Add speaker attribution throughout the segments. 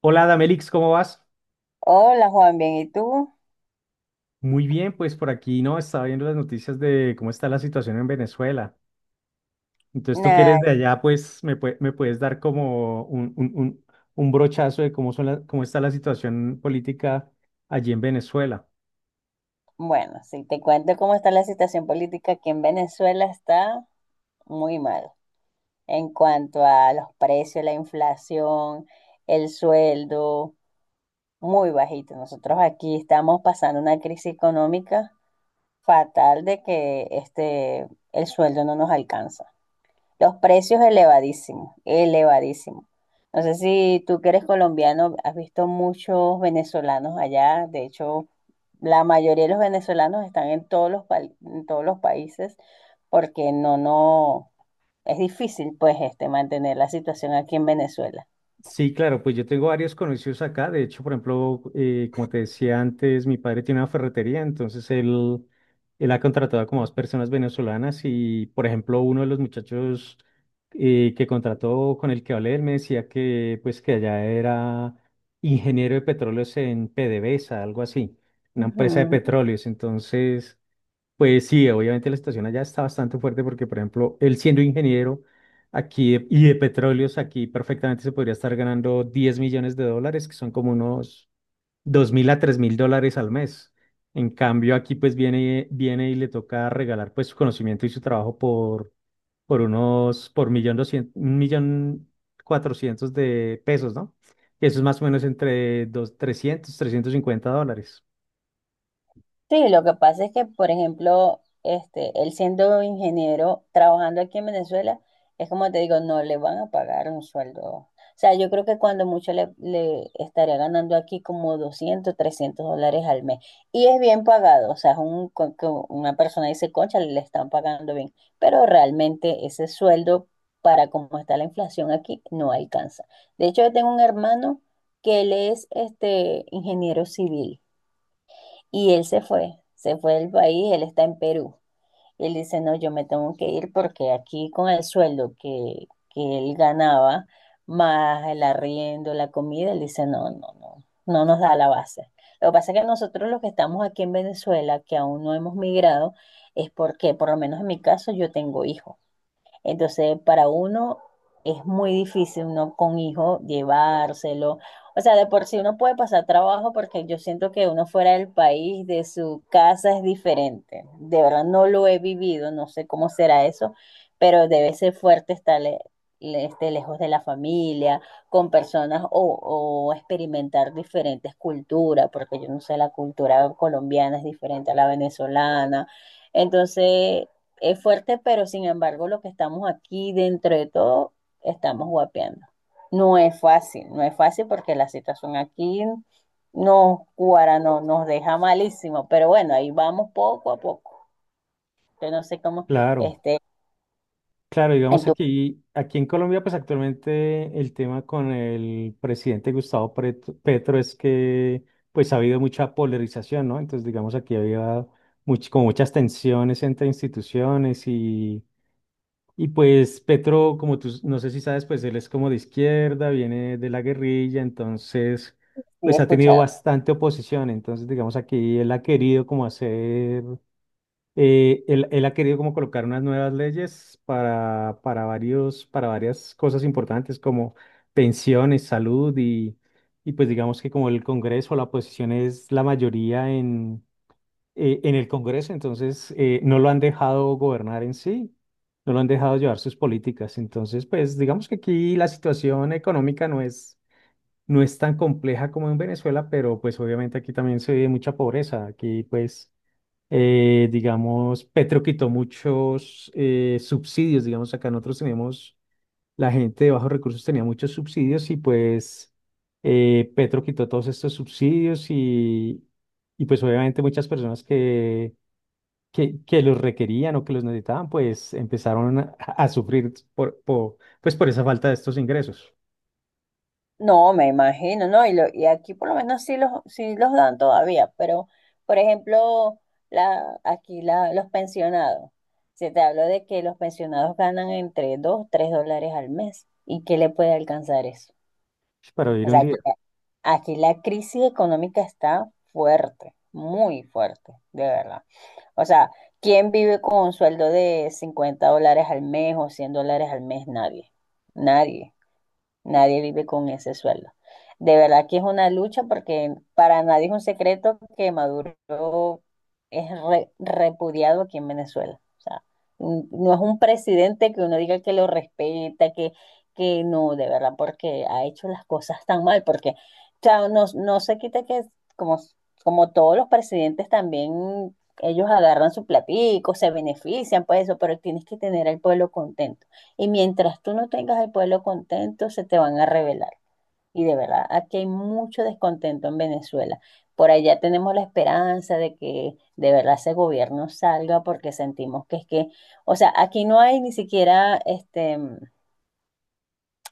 Speaker 1: Hola, Damelix, ¿cómo vas?
Speaker 2: Hola Juan, bien, ¿y tú?
Speaker 1: Muy bien, pues por aquí, ¿no? Estaba viendo las noticias de cómo está la situación en Venezuela. Entonces, tú que
Speaker 2: Nah,
Speaker 1: eres de allá, me puedes dar como un brochazo de cómo cómo está la situación política allí en Venezuela.
Speaker 2: bueno, si te cuento cómo está la situación política aquí en Venezuela, está muy mal en cuanto a los precios, la inflación, el sueldo, muy bajito. Nosotros aquí estamos pasando una crisis económica fatal de que el sueldo no nos alcanza. Los precios elevadísimos, elevadísimos. No sé si tú que eres colombiano, has visto muchos venezolanos allá. De hecho, la mayoría de los venezolanos están en en todos los países porque no, no, es difícil pues mantener la situación aquí en Venezuela.
Speaker 1: Sí, claro, pues yo tengo varios conocidos acá. De hecho, por ejemplo, como te decía antes, mi padre tiene una ferretería, entonces él ha contratado como dos personas venezolanas y, por ejemplo, uno de los muchachos que contrató con el que hablé, él me decía que, pues, que allá era ingeniero de petróleos en PDVSA, algo así, una empresa de
Speaker 2: Ujú.
Speaker 1: petróleos. Entonces... Pues sí, obviamente la situación allá está bastante fuerte porque, por ejemplo, él siendo ingeniero aquí de- y de petróleos, aquí perfectamente se podría estar ganando 10 millones de dólares, que son como unos 2 mil a 3 mil dólares al mes. En cambio, aquí pues viene y le toca regalar pues su conocimiento y su trabajo por millón doscientos, un millón cuatrocientos de pesos, ¿no? Y eso es más o menos entre dos, trescientos cincuenta dólares.
Speaker 2: Sí, lo que pasa es que, por ejemplo, él siendo ingeniero, trabajando aquí en Venezuela, es como te digo, no le van a pagar un sueldo. O sea, yo creo que cuando mucho le estaría ganando aquí como $200, $300 al mes. Y es bien pagado, o sea, es una persona dice, concha, le están pagando bien. Pero realmente ese sueldo, para cómo está la inflación aquí, no alcanza. De hecho, yo tengo un hermano que él es ingeniero civil. Y él se fue del país, él está en Perú. Él dice, no, yo me tengo que ir porque aquí con el sueldo que él ganaba, más el arriendo, la comida, él dice, no, no, no, no nos da la base. Lo que pasa es que nosotros los que estamos aquí en Venezuela, que aún no hemos migrado, es porque, por lo menos en mi caso, yo tengo hijos. Entonces, para uno es muy difícil uno con hijo llevárselo. O sea, de por sí uno puede pasar trabajo porque yo siento que uno fuera del país, de su casa es diferente. De verdad no lo he vivido, no sé cómo será eso, pero debe ser fuerte estar lejos de la familia, con personas o experimentar diferentes culturas, porque yo no sé, la cultura colombiana es diferente a la venezolana. Entonces, es fuerte, pero sin embargo, lo que estamos aquí dentro de todo, estamos guapeando. No es fácil, no es fácil porque la situación aquí nos cuara, no, nos deja malísimo, pero bueno, ahí vamos poco a poco. Yo no sé cómo,
Speaker 1: Claro.
Speaker 2: este,
Speaker 1: Claro,
Speaker 2: en
Speaker 1: digamos
Speaker 2: tu
Speaker 1: aquí en Colombia, pues actualmente el tema con el presidente Petro es que pues ha habido mucha polarización, ¿no? Entonces, digamos aquí había como muchas tensiones entre instituciones y pues Petro, como no sé si sabes, pues él es como de izquierda, viene de la guerrilla, entonces
Speaker 2: sí he
Speaker 1: pues ha tenido
Speaker 2: escuchado.
Speaker 1: bastante oposición, entonces digamos aquí él ha querido como hacer él ha querido como colocar unas nuevas leyes para para varias cosas importantes como pensiones, salud y pues digamos que como el Congreso, la oposición es la mayoría en el Congreso, entonces no lo han dejado gobernar en sí, no lo han dejado llevar sus políticas. Entonces, pues digamos que aquí la situación económica no es tan compleja como en Venezuela, pero pues obviamente aquí también se vive mucha pobreza. Aquí pues... Digamos, Petro quitó muchos subsidios, digamos, acá nosotros tenemos, la gente de bajos recursos tenía muchos subsidios y pues Petro quitó todos estos subsidios, y pues obviamente muchas personas que los requerían o que los necesitaban, pues empezaron a sufrir pues por esa falta de estos ingresos
Speaker 2: No, me imagino, ¿no? Y aquí por lo menos sí los dan todavía, pero por ejemplo, aquí los pensionados, se te habló de que los pensionados ganan entre 2 3 dólares al mes. ¿Y qué le puede alcanzar eso?
Speaker 1: para
Speaker 2: O
Speaker 1: vivir un
Speaker 2: sea, aquí,
Speaker 1: día.
Speaker 2: aquí la crisis económica está fuerte, muy fuerte, de verdad. O sea, ¿quién vive con un sueldo de $50 al mes o $100 al mes? Nadie, nadie. Nadie vive con ese sueldo. De verdad que es una lucha porque para nadie es un secreto que Maduro es repudiado aquí en Venezuela. O sea, no es un presidente que uno diga que lo respeta, que no, de verdad, porque ha hecho las cosas tan mal, porque o sea, no, no se quita que como, como todos los presidentes también ellos agarran su platico, se benefician por eso, pero tienes que tener al pueblo contento. Y mientras tú no tengas al pueblo contento, se te van a rebelar. Y de verdad, aquí hay mucho descontento en Venezuela. Por allá tenemos la esperanza de que de verdad ese gobierno salga porque sentimos que es que, o sea, aquí no hay ni siquiera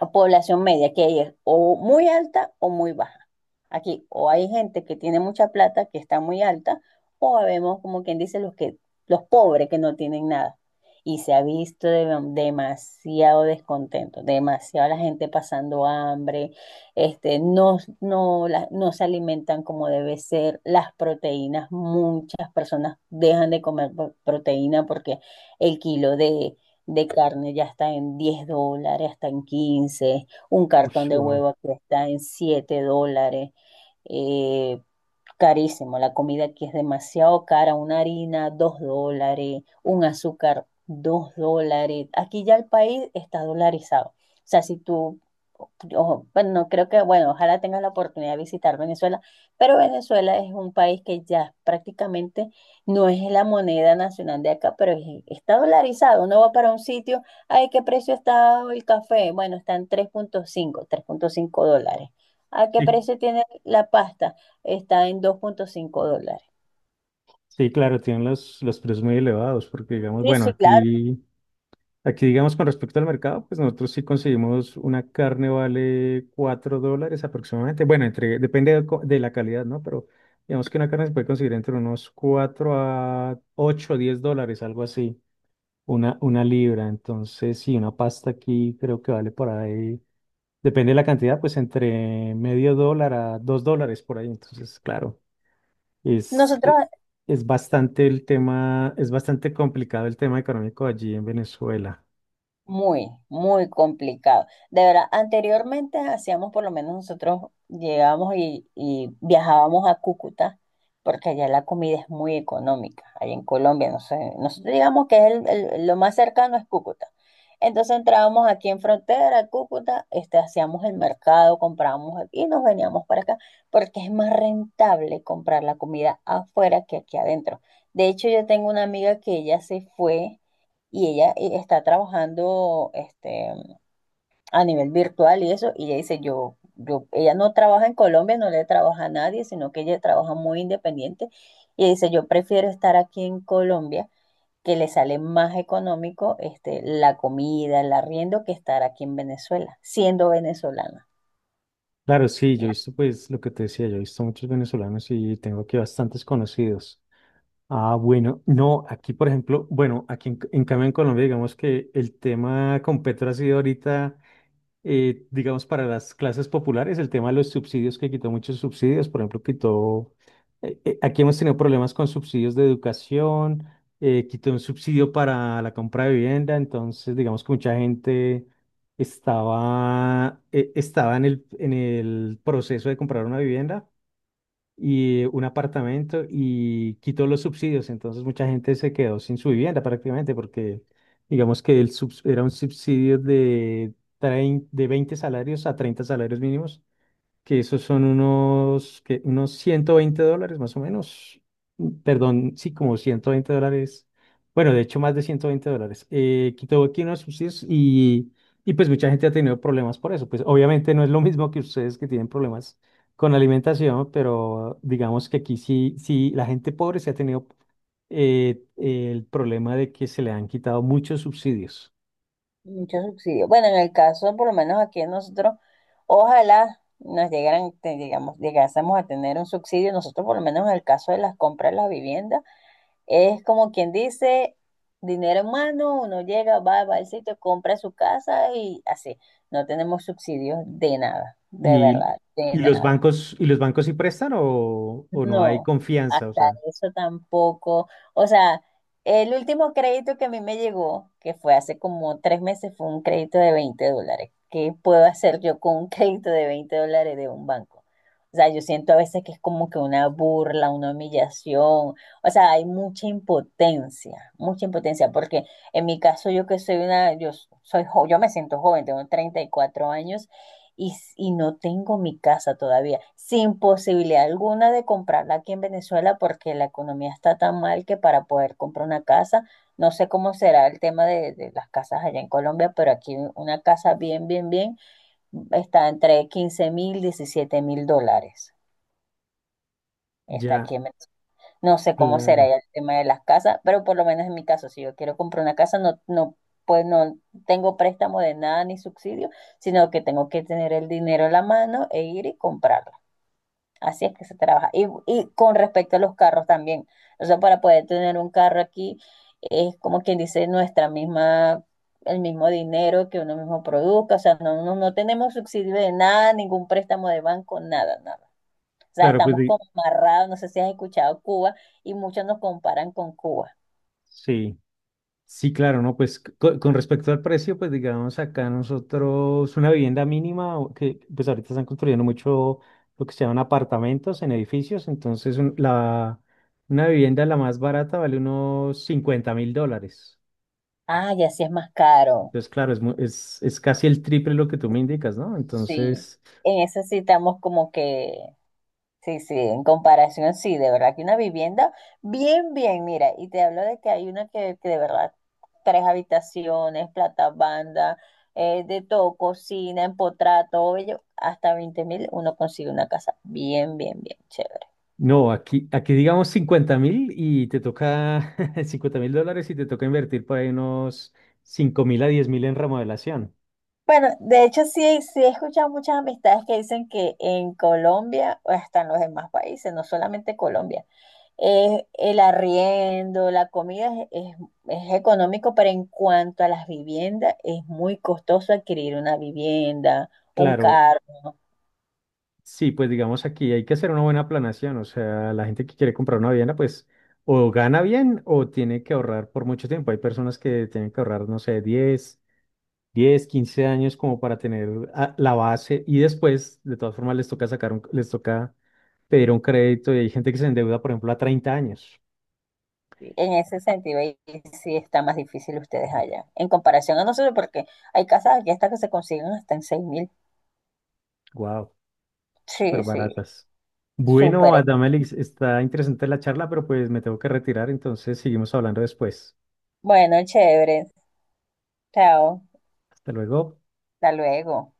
Speaker 2: o población media, que es o muy alta o muy baja. Aquí o hay gente que tiene mucha plata, que está muy alta, o vemos como quien dice los pobres que no tienen nada. Y se ha visto demasiado descontento, demasiado la gente pasando hambre, no, no, no se alimentan como debe ser, las proteínas, muchas personas dejan de comer proteína porque el kilo de carne ya está en $10, está en 15, un
Speaker 1: Ush,
Speaker 2: cartón de
Speaker 1: wow.
Speaker 2: huevo aquí está en $7, eh, carísimo, la comida aquí es demasiado cara, una harina, dos dólares, un azúcar, dos dólares. Aquí ya el país está dolarizado. O sea, si tú, ojo, bueno, no creo que, bueno, ojalá tengas la oportunidad de visitar Venezuela, pero Venezuela es un país que ya prácticamente no es la moneda nacional de acá, pero está dolarizado. Uno va para un sitio, ay, ¿qué precio está el café? Bueno, está en tres punto cinco dólares. ¿A qué
Speaker 1: Sí,
Speaker 2: precio tiene la pasta? Está en dos punto cinco dólares.
Speaker 1: sí, claro, tienen los precios muy elevados porque digamos,
Speaker 2: Sí,
Speaker 1: bueno,
Speaker 2: sí, claro.
Speaker 1: aquí... Aquí, digamos, con respecto al mercado, pues nosotros sí conseguimos una carne vale 4 dólares aproximadamente. Bueno, entre, depende de la calidad, ¿no? Pero digamos que una carne se puede conseguir entre unos 4 a 8 o 10 dólares, algo así, una libra. Entonces, sí, una pasta aquí creo que vale por ahí, depende de la cantidad, pues entre medio dólar a 2 dólares por ahí. Entonces, claro, es, eh,
Speaker 2: Nosotros.
Speaker 1: es bastante el tema, es bastante complicado el tema económico allí en Venezuela.
Speaker 2: Muy, muy complicado. De verdad, anteriormente hacíamos, por lo menos nosotros llegábamos y viajábamos a Cúcuta, porque allá la comida es muy económica, allá en Colombia, no sé, nosotros digamos que es lo más cercano es Cúcuta. Entonces entrábamos aquí en frontera, Cúcuta, hacíamos el mercado, comprábamos y nos veníamos para acá, porque es más rentable comprar la comida afuera que aquí adentro. De hecho, yo tengo una amiga que ella se fue y ella está trabajando a nivel virtual y eso, y ella dice, ella no trabaja en Colombia, no le trabaja a nadie, sino que ella trabaja muy independiente, y ella dice, yo prefiero estar aquí en Colombia, que le sale más económico la comida, el arriendo, que estar aquí en Venezuela, siendo venezolana.
Speaker 1: Claro, sí, yo he
Speaker 2: Mira.
Speaker 1: visto, pues, lo que te decía, yo he visto muchos venezolanos y tengo aquí bastantes conocidos. Ah, bueno, no, aquí, por ejemplo, bueno, aquí en cambio en Colombia, digamos que el tema con Petro ha sido ahorita digamos, para las clases populares, el tema de los subsidios, que quitó muchos subsidios, por ejemplo, aquí hemos tenido problemas con subsidios de educación, quitó un subsidio para la compra de vivienda, entonces, digamos que mucha gente estaba en el proceso de comprar una vivienda y un apartamento y quitó los subsidios. Entonces mucha gente se quedó sin su vivienda prácticamente porque digamos que era un subsidio de, trein de 20 salarios a 30 salarios mínimos que esos son unos, que unos 120 dólares más o menos. Perdón, sí, como 120 dólares. Bueno, de hecho, más de 120 dólares. Quitó aquí unos subsidios, y pues mucha gente ha tenido problemas por eso. Pues obviamente no es lo mismo que ustedes que tienen problemas con la alimentación, pero digamos que aquí sí, sí, la gente pobre se ha tenido el problema de que se le han quitado muchos subsidios.
Speaker 2: Mucho subsidio. Bueno, en el caso, por lo menos aquí nosotros, ojalá nos llegaran, digamos, llegásemos a tener un subsidio, nosotros por lo menos en el caso de las compras de las viviendas, es como quien dice, dinero en mano, uno llega, va al sitio, compra su casa y así. No tenemos subsidios de nada, de
Speaker 1: Y,
Speaker 2: verdad, de
Speaker 1: y los
Speaker 2: nada.
Speaker 1: bancos, ¿y los bancos sí prestan o no hay
Speaker 2: No,
Speaker 1: confianza? O
Speaker 2: hasta
Speaker 1: sea.
Speaker 2: eso tampoco. O sea, el último crédito que a mí me llegó, que fue hace como 3 meses, fue un crédito de $20. ¿Qué puedo hacer yo con un crédito de 20 dólares de un banco? O sea, yo siento a veces que es como que una burla, una humillación. O sea, hay mucha impotencia, porque en mi caso yo que soy una, yo me siento joven, tengo 34 años y no tengo mi casa todavía, sin posibilidad alguna de comprarla aquí en Venezuela porque la economía está tan mal que para poder comprar una casa, no sé cómo será el tema de las casas allá en Colombia, pero aquí una casa bien, bien, bien está entre $15.000, $17.000. Está
Speaker 1: Ya,
Speaker 2: aquí en Venezuela. No sé cómo será
Speaker 1: claro,
Speaker 2: ya el tema de las casas, pero por lo menos en mi caso, si yo quiero comprar una casa, no, no, pues no tengo préstamo de nada ni subsidio, sino que tengo que tener el dinero en la mano e ir y comprarla. Así es que se trabaja. Y con respecto a los carros también. O sea, para poder tener un carro aquí, es como quien dice nuestra misma, el mismo dinero que uno mismo produzca. O sea, no, no, no tenemos subsidio de nada, ningún préstamo de banco, nada, nada. O sea,
Speaker 1: claro,
Speaker 2: estamos como amarrados, no sé si has escuchado Cuba, y muchos nos comparan con Cuba.
Speaker 1: sí, sí, claro, ¿no? Pues con respecto al precio, pues digamos acá nosotros una vivienda mínima, o que pues ahorita están construyendo mucho lo que se llaman apartamentos en edificios, entonces una vivienda la más barata vale unos 50 mil dólares.
Speaker 2: Ah, ya sí es más caro.
Speaker 1: Entonces, claro, es casi el triple lo que tú me indicas, ¿no?
Speaker 2: Sí.
Speaker 1: Entonces...
Speaker 2: En eso sí estamos como que, sí, sí, en comparación, sí, de verdad que una vivienda, bien, bien, mira, y te hablo de que hay una que de verdad, tres habitaciones, plata banda, de todo, cocina, empotrado, todo ello, hasta 20.000 uno consigue una casa bien, bien, bien, chévere.
Speaker 1: No, aquí digamos cincuenta mil y te toca 50 mil dólares y te toca invertir por ahí unos cinco mil a diez mil en remodelación.
Speaker 2: Bueno, de hecho sí, sí he escuchado muchas amistades que dicen que en Colombia, o hasta en los demás países, no solamente Colombia, el arriendo, la comida es, es- es económico, pero en cuanto a las viviendas, es muy costoso adquirir una vivienda, un
Speaker 1: Claro,
Speaker 2: carro. ¿No?
Speaker 1: sí, pues digamos aquí hay que hacer una buena planación, o sea, la gente que quiere comprar una vivienda, pues o gana bien o tiene que ahorrar por mucho tiempo. Hay personas que tienen que ahorrar, no sé, 10, 15 años como para tener ah, la base y después, de todas formas, les toca pedir un crédito y hay gente que se endeuda, por ejemplo, a treinta años.
Speaker 2: Sí. En ese sentido, ahí sí está más difícil ustedes allá, en comparación a nosotros, porque hay casas aquí hasta que se consiguen hasta en 6.000.
Speaker 1: Wow, súper
Speaker 2: Sí, sí,
Speaker 1: baratas. Bueno,
Speaker 2: súper.
Speaker 1: Adamelis, está interesante la charla, pero pues me tengo que retirar, entonces seguimos hablando después.
Speaker 2: Bueno, chévere. Chao.
Speaker 1: Hasta luego.
Speaker 2: Hasta luego.